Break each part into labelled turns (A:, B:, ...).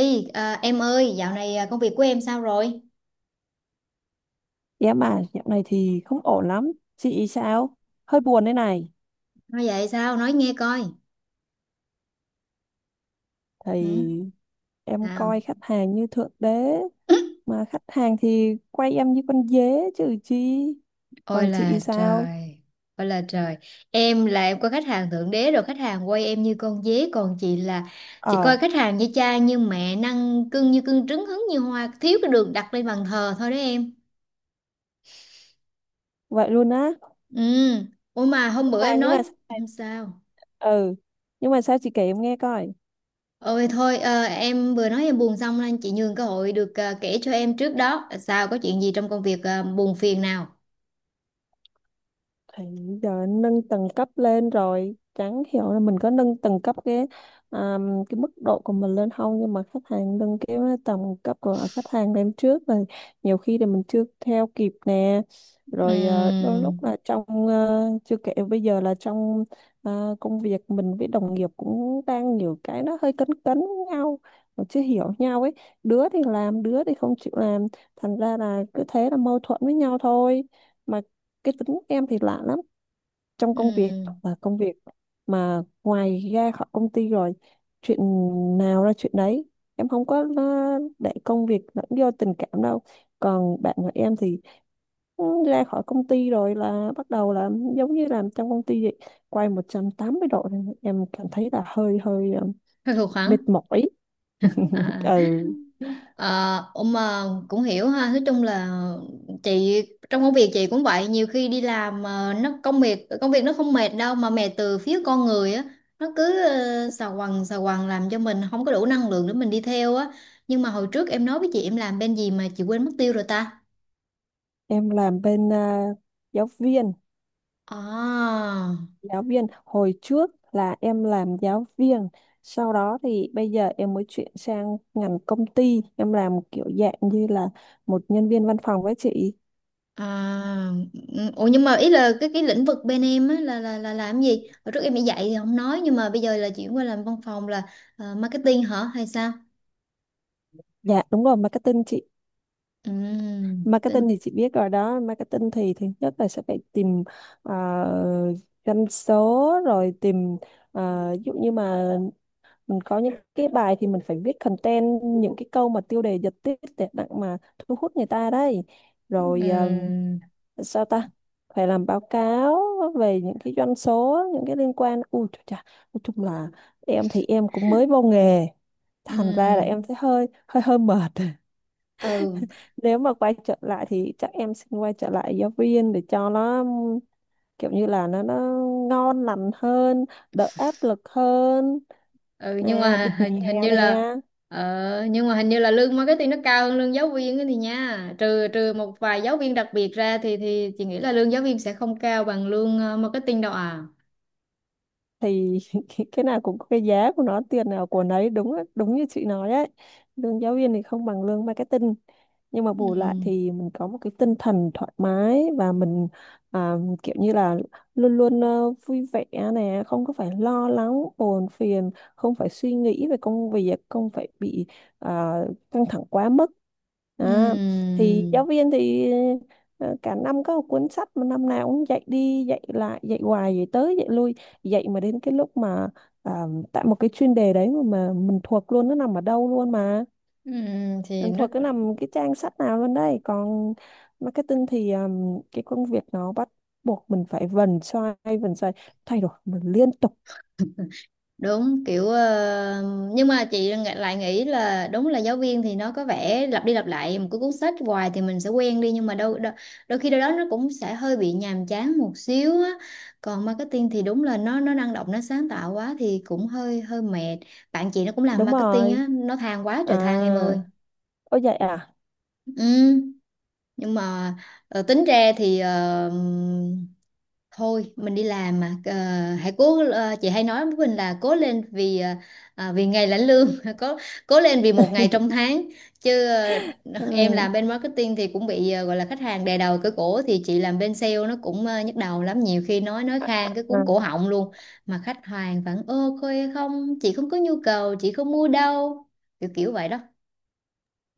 A: Ê, em ơi, dạo này công việc của em sao rồi?
B: Dạ mà dạo này thì không ổn lắm. Chị sao? Hơi buồn đây này.
A: Nói vậy sao? Nói nghe coi. Ừ,
B: Thì em coi
A: sao?
B: khách hàng như thượng đế. Mà khách hàng thì quay em như con dế chứ chi.
A: Ôi
B: Còn chị
A: là
B: sao?
A: trời, ôi là trời. Em là em có khách hàng thượng đế rồi, khách hàng quay em như con dế, còn chị là chị
B: Ờ,
A: coi khách hàng như cha như mẹ, năng cưng như cưng trứng hứng như hoa, thiếu cái đường đặt lên bàn thờ thôi đấy em.
B: vậy luôn á.
A: Ừ, ôi mà hôm
B: Nhưng
A: bữa
B: mà,
A: em
B: nhưng
A: nói
B: mà,
A: ừ,
B: sao-
A: sao?
B: ừ. Nhưng mà sao chị kể em nghe coi.
A: Ôi thôi, em vừa nói em buồn xong nên chị nhường cơ hội được kể cho em trước đó sao có chuyện gì trong công việc buồn phiền nào.
B: Thì giờ anh nâng tầng cấp lên rồi chẳng hiểu là mình có nâng tầng cấp cái mức độ của mình lên không, nhưng mà khách hàng nâng cái tầng cấp của khách hàng lên trước rồi. Nhiều khi thì mình chưa theo kịp nè, rồi đôi lúc
A: 음,
B: là chưa kể bây giờ là trong công việc mình với đồng nghiệp cũng đang nhiều cái nó hơi cấn cấn nhau mà chưa hiểu nhau ấy. Đứa thì làm, đứa thì không chịu làm, thành ra là cứ thế là mâu thuẫn với nhau thôi. Mà cái tính em thì lạ lắm, trong công việc
A: 음,
B: là công việc, mà ngoài ra khỏi công ty rồi chuyện nào ra chuyện đấy, em không có để công việc lẫn do tình cảm đâu. Còn bạn của em thì ừ, ra khỏi công ty rồi là bắt đầu là giống như làm trong công ty vậy, quay 180 độ nên em cảm thấy là hơi hơi ờ,
A: Hơi khô khoắn.
B: mệt mỏi.
A: À, à.
B: Ừ,
A: Ờ, ông mà cũng hiểu ha. Nói chung là chị trong công việc chị cũng vậy. Nhiều khi đi làm mà nó công việc nó không mệt đâu mà mệt từ phía con người á. Nó cứ xà quần làm cho mình không có đủ năng lượng để mình đi theo á. Nhưng mà hồi trước em nói với chị em làm bên gì mà chị quên mất tiêu rồi ta?
B: em làm bên giáo viên,
A: À.
B: giáo viên. Hồi trước là em làm giáo viên, sau đó thì bây giờ em mới chuyển sang ngành công ty, em làm kiểu dạng như là một nhân viên văn phòng với chị.
A: À, ừ, ủa nhưng mà ý là cái lĩnh vực bên em á là là làm gì? Hồi trước em đi dạy thì không nói nhưng mà bây giờ là chuyển qua làm văn phòng là marketing hả hay sao?
B: Dạ đúng rồi, marketing chị.
A: Ừ, tính
B: Marketing thì chị biết rồi đó, marketing thì thứ nhất là sẽ phải tìm uh, doanh số, rồi tìm ví dụ như mà mình có những cái bài thì mình phải viết content, những cái câu mà tiêu đề giật tít để đặng mà thu hút người ta đấy.
A: ừ,
B: Rồi sao ta, phải làm báo cáo về những cái doanh số, những cái liên quan, ui trời chà, nói chung là em thì em cũng mới vô nghề, thành ra là
A: ừ,
B: em thấy hơi hơi hơi mệt.
A: ừ,
B: Nếu mà quay trở lại thì chắc em xin quay trở lại giáo viên để cho nó kiểu như là nó ngon lành hơn, đỡ áp lực hơn,
A: ừ nhưng
B: nè được
A: mà
B: nghỉ
A: hình
B: hè
A: hình như
B: nè.
A: là nhưng mà hình như là lương marketing nó cao hơn lương giáo viên ấy thì nha. Trừ trừ một vài giáo viên đặc biệt ra thì chị nghĩ là lương giáo viên sẽ không cao bằng lương marketing đâu à.
B: Thì cái nào cũng có cái giá của nó, tiền nào của nấy, đúng á, đúng như chị nói ấy. Lương giáo viên thì không bằng lương marketing, nhưng mà
A: Ừ.
B: bù lại thì mình có một cái tinh thần thoải mái và mình à, kiểu như là luôn luôn vui vẻ nè, không có phải lo lắng buồn phiền, không phải suy nghĩ về công việc, không phải bị à, căng thẳng quá mức.
A: Ừ.
B: à, thì giáo viên thì cả năm có một cuốn sách mà năm nào cũng dạy đi dạy lại, dạy hoài, dạy tới dạy lui, dạy mà đến cái lúc mà à, tại một cái chuyên đề đấy mà, mình thuộc luôn, nó nằm ở đâu luôn, mà
A: Ừ, thì
B: mình
A: nó
B: thuộc cứ nằm cái trang sách nào luôn đây. Còn marketing thì cái công việc nó bắt buộc mình phải vần xoay, thay đổi mình liên tục.
A: đúng kiểu nhưng mà lại nghĩ là đúng là giáo viên thì nó có vẻ lặp đi lặp lại một cái cuốn sách hoài thì mình sẽ quen đi nhưng mà đôi đôi, đôi khi đâu đó nó cũng sẽ hơi bị nhàm chán một xíu á, còn marketing thì đúng là nó năng động nó sáng tạo quá thì cũng hơi hơi mệt. Bạn chị nó cũng làm
B: Đúng
A: marketing
B: rồi.
A: á nó than quá
B: À,
A: trời than em ơi.
B: ôi vậy à.
A: Ừ nhưng mà tính ra thì thôi mình đi làm mà. Ờ, Hãy cố, chị hay nói với mình là cố lên vì, à, vì ngày lãnh lương cố, cố lên vì một ngày trong tháng chứ
B: À,
A: em làm bên marketing thì cũng bị gọi là khách hàng đè đầu cửa cổ thì chị làm bên sale nó cũng nhức đầu lắm, nhiều khi nói khang cái
B: à,
A: cuốn cổ họng luôn mà khách hàng vẫn ơ khôi không, chị không có nhu cầu, chị không mua đâu, kiểu kiểu vậy đó.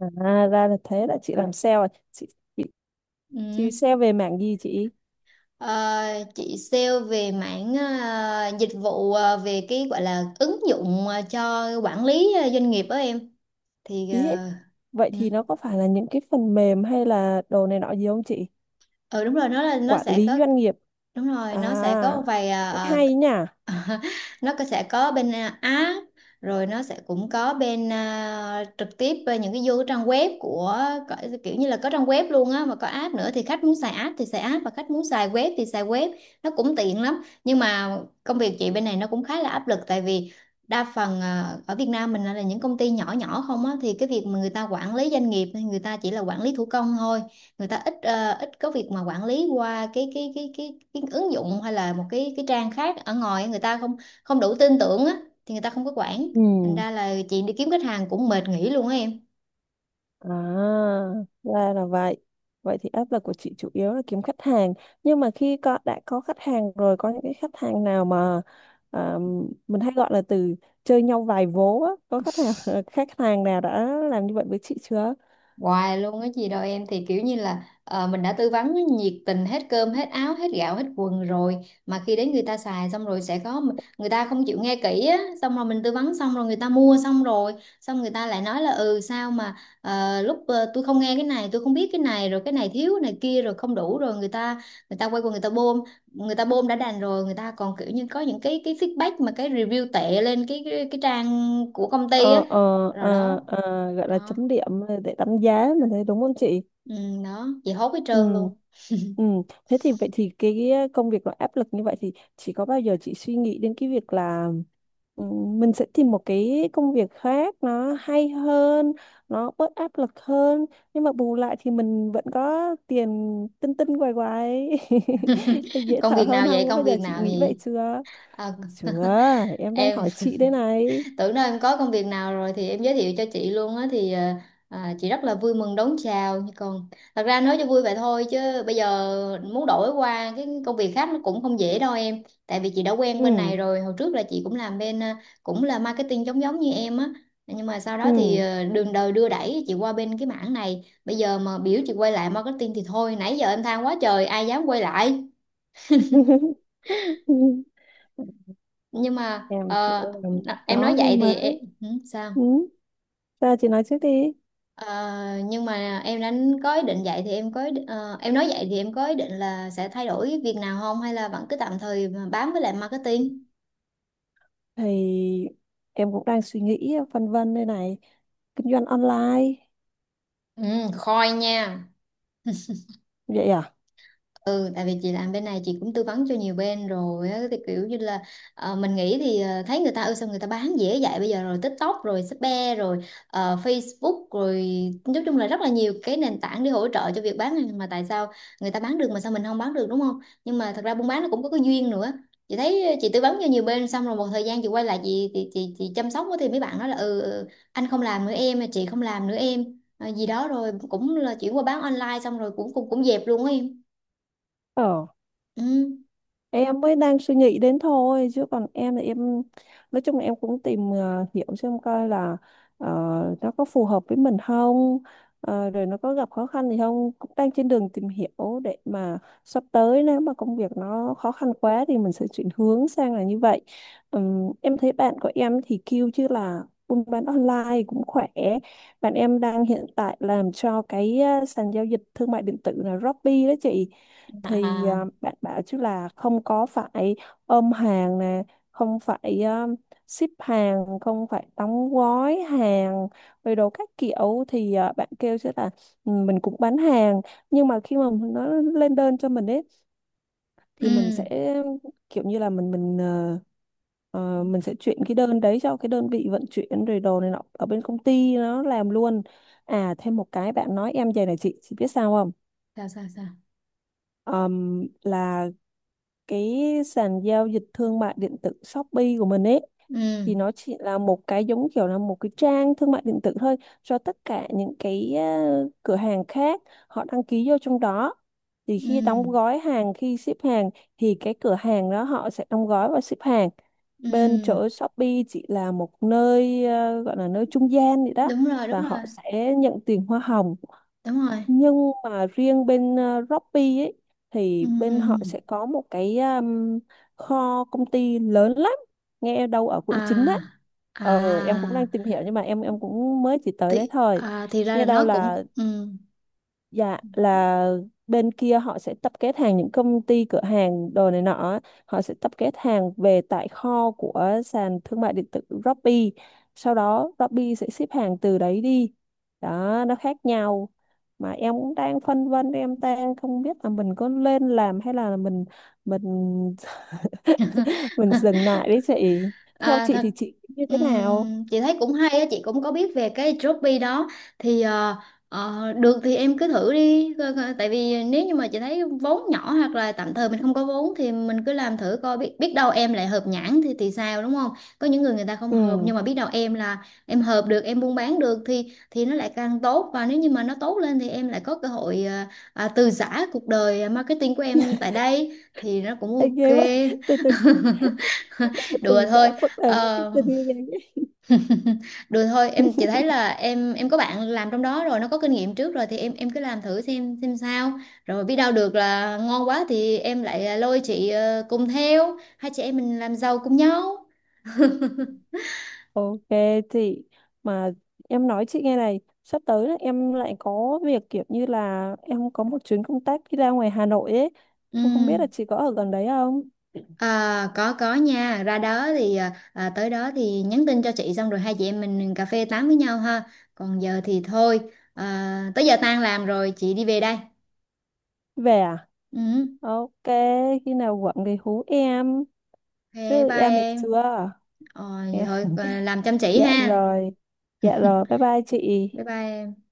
B: à ra là thế, là chị làm sale à chị, chị chị
A: Ừ.
B: sale về mảng gì chị?
A: Ờ, chị sale về mảng dịch vụ về cái gọi là ứng dụng cho quản lý doanh nghiệp đó em. Thì
B: Ý vậy
A: uh,
B: thì nó có phải là những cái phần mềm hay là đồ này nọ gì không chị?
A: ừ đúng rồi, nó là nó
B: Quản
A: sẽ
B: lý
A: có.
B: doanh nghiệp
A: Đúng rồi, nó sẽ có
B: à,
A: một vài
B: hay nhỉ.
A: à, sẽ có bên à, app rồi nó sẽ cũng có bên trực tiếp bên những cái vô cái trang web của, có- kiểu như là có trang web luôn á mà có app nữa, thì khách muốn xài app thì xài app và khách muốn xài web thì xài web. Nó cũng tiện lắm nhưng mà công việc chị bên này nó cũng khá là áp lực tại vì đa phần ở Việt Nam mình là những công ty nhỏ nhỏ không á, thì cái việc mà người ta quản lý doanh nghiệp thì người ta chỉ là quản lý thủ công thôi. Người ta ít, ít có việc mà quản lý qua cái ứng dụng hay là một cái trang khác ở ngoài, người ta không, không đủ tin tưởng á, thì người ta không có quản. Thành
B: Ừ.
A: ra là chị đi kiếm khách hàng cũng mệt nghỉ luôn á em.
B: À, ra là vậy. Vậy thì áp lực của chị chủ yếu là kiếm khách hàng. Nhưng mà khi có, đã có khách hàng rồi, có những cái khách hàng nào mà à, mình hay gọi là từ chơi nhau vài vố á. Có khách hàng khách hàng nào đã làm như vậy với chị chưa?
A: Hoài luôn á chị đâu em, thì kiểu như là mình đã tư vấn nhiệt tình hết cơm hết áo hết gạo hết quần rồi mà khi đến người ta xài xong rồi sẽ có, người ta không chịu nghe kỹ á, xong rồi mình tư vấn xong rồi người ta mua xong rồi, xong người ta lại nói là ừ sao mà lúc tôi không nghe cái này, tôi không biết cái này, rồi cái này thiếu cái này kia rồi không đủ, rồi người ta, quay qua người ta bôm. Người ta bôm đã đành rồi, người ta còn kiểu như có những cái feedback mà cái review tệ lên cái trang của công ty á,
B: Ờ, ờ,
A: rồi đó,
B: gọi là
A: đó.
B: chấm điểm để đánh giá mình thấy đúng không chị?
A: Ừ, đó, chị hốt hết
B: Ừ.
A: trơn luôn.
B: Ừ. Thế thì vậy thì cái công việc nó áp lực như vậy thì chỉ có bao giờ chị suy nghĩ đến cái việc là ừ, mình sẽ tìm một cái công việc khác nó hay hơn, nó bớt áp lực hơn, nhưng mà bù lại thì mình vẫn có tiền, tinh tinh quài quài dễ
A: Công
B: thở
A: việc
B: hơn
A: nào vậy,
B: không? Có
A: công
B: bao giờ
A: việc
B: chị
A: nào
B: nghĩ vậy
A: vậy?
B: chưa?
A: à,
B: Chưa, em đang
A: em
B: hỏi chị đây này.
A: tưởng đâu em có công việc nào rồi thì em giới thiệu cho chị luôn á thì à, chị rất là vui mừng đón chào. Còn thật ra nói cho vui vậy thôi chứ bây giờ muốn đổi qua cái công việc khác nó cũng không dễ đâu em, tại vì chị đã quen bên này
B: Ừ.
A: rồi. Hồi trước là chị cũng làm bên cũng là marketing giống giống như em á, nhưng mà sau đó thì
B: Ừ.
A: đường đời đưa đẩy chị qua bên cái mảng này, bây giờ mà biểu chị quay lại marketing thì thôi, nãy giờ em than quá trời ai dám quay lại. Nhưng mà
B: Em chị em
A: em nói
B: có cái
A: vậy thì em,
B: mới.
A: ừ, sao?
B: Ừ. Ra chị nói trước đi.
A: Ờ, nhưng mà em đã có ý định vậy thì em nói vậy thì em có ý định là sẽ thay đổi việc nào không hay là vẫn cứ tạm thời mà bám với lại marketing?
B: Thì em cũng đang suy nghĩ phân vân đây này. Kinh doanh online.
A: Ừ, khôi nha.
B: Vậy à?
A: Ừ, tại vì chị làm bên này chị cũng tư vấn cho nhiều bên rồi á, thì kiểu như là mình nghĩ thì thấy người ta ơi sao người ta bán dễ vậy, bây giờ rồi TikTok rồi Shopee rồi Facebook rồi, nói chung là rất là nhiều cái nền tảng để hỗ trợ cho việc bán hàng, mà tại sao người ta bán được mà sao mình không bán được, đúng không? Nhưng mà thật ra buôn bán nó cũng có cái duyên nữa. Chị thấy chị tư vấn cho nhiều bên xong rồi một thời gian chị quay lại chị chăm sóc á, thì mấy bạn nói là ừ ừ, anh không làm nữa em, chị không làm nữa em, Ờ, gì đó, rồi cũng là chuyển qua bán online xong rồi cũng cũng cũng dẹp luôn á em.
B: Ờ,
A: Ừ.
B: em mới đang suy nghĩ đến thôi chứ còn em thì em nói chung là em cũng tìm hiểu xem coi là ờ, nó có phù hợp với mình không, rồi nó có gặp khó khăn gì không, cũng đang trên đường tìm hiểu để mà sắp tới nếu mà công việc nó khó khăn quá thì mình sẽ chuyển hướng sang là như vậy. Em thấy bạn của em thì kêu chứ là buôn bán online cũng khỏe. Bạn em đang hiện tại làm cho cái sàn giao dịch thương mại điện tử là Shopee đó chị. Thì
A: À.
B: à, bạn bảo chứ là không có phải ôm hàng nè, không phải ship hàng, không phải đóng gói hàng rồi đồ các kiểu, thì à, bạn kêu chứ là: "Ừ, mình cũng bán hàng, nhưng mà khi mà nó lên đơn cho mình ấy thì mình sẽ
A: Ừ.
B: kiểu như là mình sẽ chuyển cái đơn đấy cho cái đơn vị vận chuyển rồi đồ này nọ ở bên công ty nó làm luôn." À, thêm một cái bạn nói em về này chị biết sao không?
A: Sao sao sao?
B: Là cái sàn giao dịch thương mại điện tử Shopee của mình ấy, thì
A: Ừ.
B: nó chỉ là một cái giống kiểu là một cái trang thương mại điện tử thôi, cho tất cả những cái cửa hàng khác họ đăng ký vô trong đó. Thì khi đóng
A: Ừ.
B: gói hàng, khi ship hàng, thì cái cửa hàng đó họ sẽ đóng gói và ship hàng, bên
A: Ừ.
B: chỗ Shopee chỉ là một nơi gọi là nơi trung gian vậy đó,
A: Đúng rồi, đúng
B: và
A: rồi.
B: họ sẽ nhận tiền hoa hồng.
A: Đúng rồi.
B: Nhưng mà riêng bên Shopee ấy, thì bên họ
A: Ừ.
B: sẽ có một cái kho công ty lớn lắm, nghe đâu ở quận 9 á.
A: À. À.
B: Ờ em cũng đang tìm hiểu nhưng mà em cũng mới chỉ tới đấy
A: Thì
B: thôi.
A: thì ra
B: Nghe
A: là
B: đâu
A: nó cũng
B: là,
A: ừ.
B: dạ là bên kia họ sẽ tập kết hàng, những công ty cửa hàng đồ này nọ á, họ sẽ tập kết hàng về tại kho của sàn thương mại điện tử Shopee, sau đó Shopee sẽ ship hàng từ đấy đi. Đó, nó khác nhau. Mà em cũng đang phân vân, em đang không biết là mình có lên làm hay là mình mình dừng lại đấy chị. Theo
A: À,
B: chị
A: thật.
B: thì chị như thế nào?
A: Ừm, chị thấy cũng hay á, chị cũng có biết về cái Shopee đó. Thì được thì em cứ thử đi. Tại vì nếu như mà chị thấy vốn nhỏ hoặc là tạm thời mình không có vốn thì mình cứ làm thử coi, biết biết đâu em lại hợp nhãn thì sao, đúng không? Có những người người ta không
B: Ừ.
A: hợp, nhưng mà biết đâu em là em hợp được, em buôn bán được thì nó lại càng tốt, và nếu như mà nó tốt lên thì em lại có cơ hội à, từ giã cuộc đời marketing của em tại đây thì nó cũng
B: Anh
A: ok.
B: ghê vậy, từ từ, thì em
A: Đùa
B: từng
A: thôi.
B: giải quốc tế
A: Ờ,
B: marketing như
A: được thôi
B: vậy.
A: em, chỉ thấy là em có bạn làm trong đó rồi, nó có kinh nghiệm trước rồi thì em cứ làm thử xem sao. Rồi biết đâu được là ngon quá thì em lại lôi chị, cùng theo hai chị em mình làm giàu cùng nhau.
B: Ok chị. Mà em nói chị nghe này, sắp tới là em lại có việc kiểu như là em có một chuyến công tác đi ra ngoài Hà Nội ấy.
A: Ừ.
B: Em không biết là chị có ở gần đấy không?
A: À, có nha, ra đó thì tới đó thì nhắn tin cho chị xong rồi hai chị em mình cà phê tám với nhau ha. Còn giờ thì thôi, tới giờ tan làm rồi chị đi về đây.
B: Về à?
A: Ừ.
B: Ok, khi nào quận thì hú em,
A: Ok,
B: chứ
A: bye
B: em thì
A: em.
B: chưa.
A: Ờ, vậy
B: Dạ,
A: thôi. Ờ, làm chăm chỉ
B: dạ
A: ha.
B: rồi, dạ rồi, bye bye chị.
A: Bye bye em.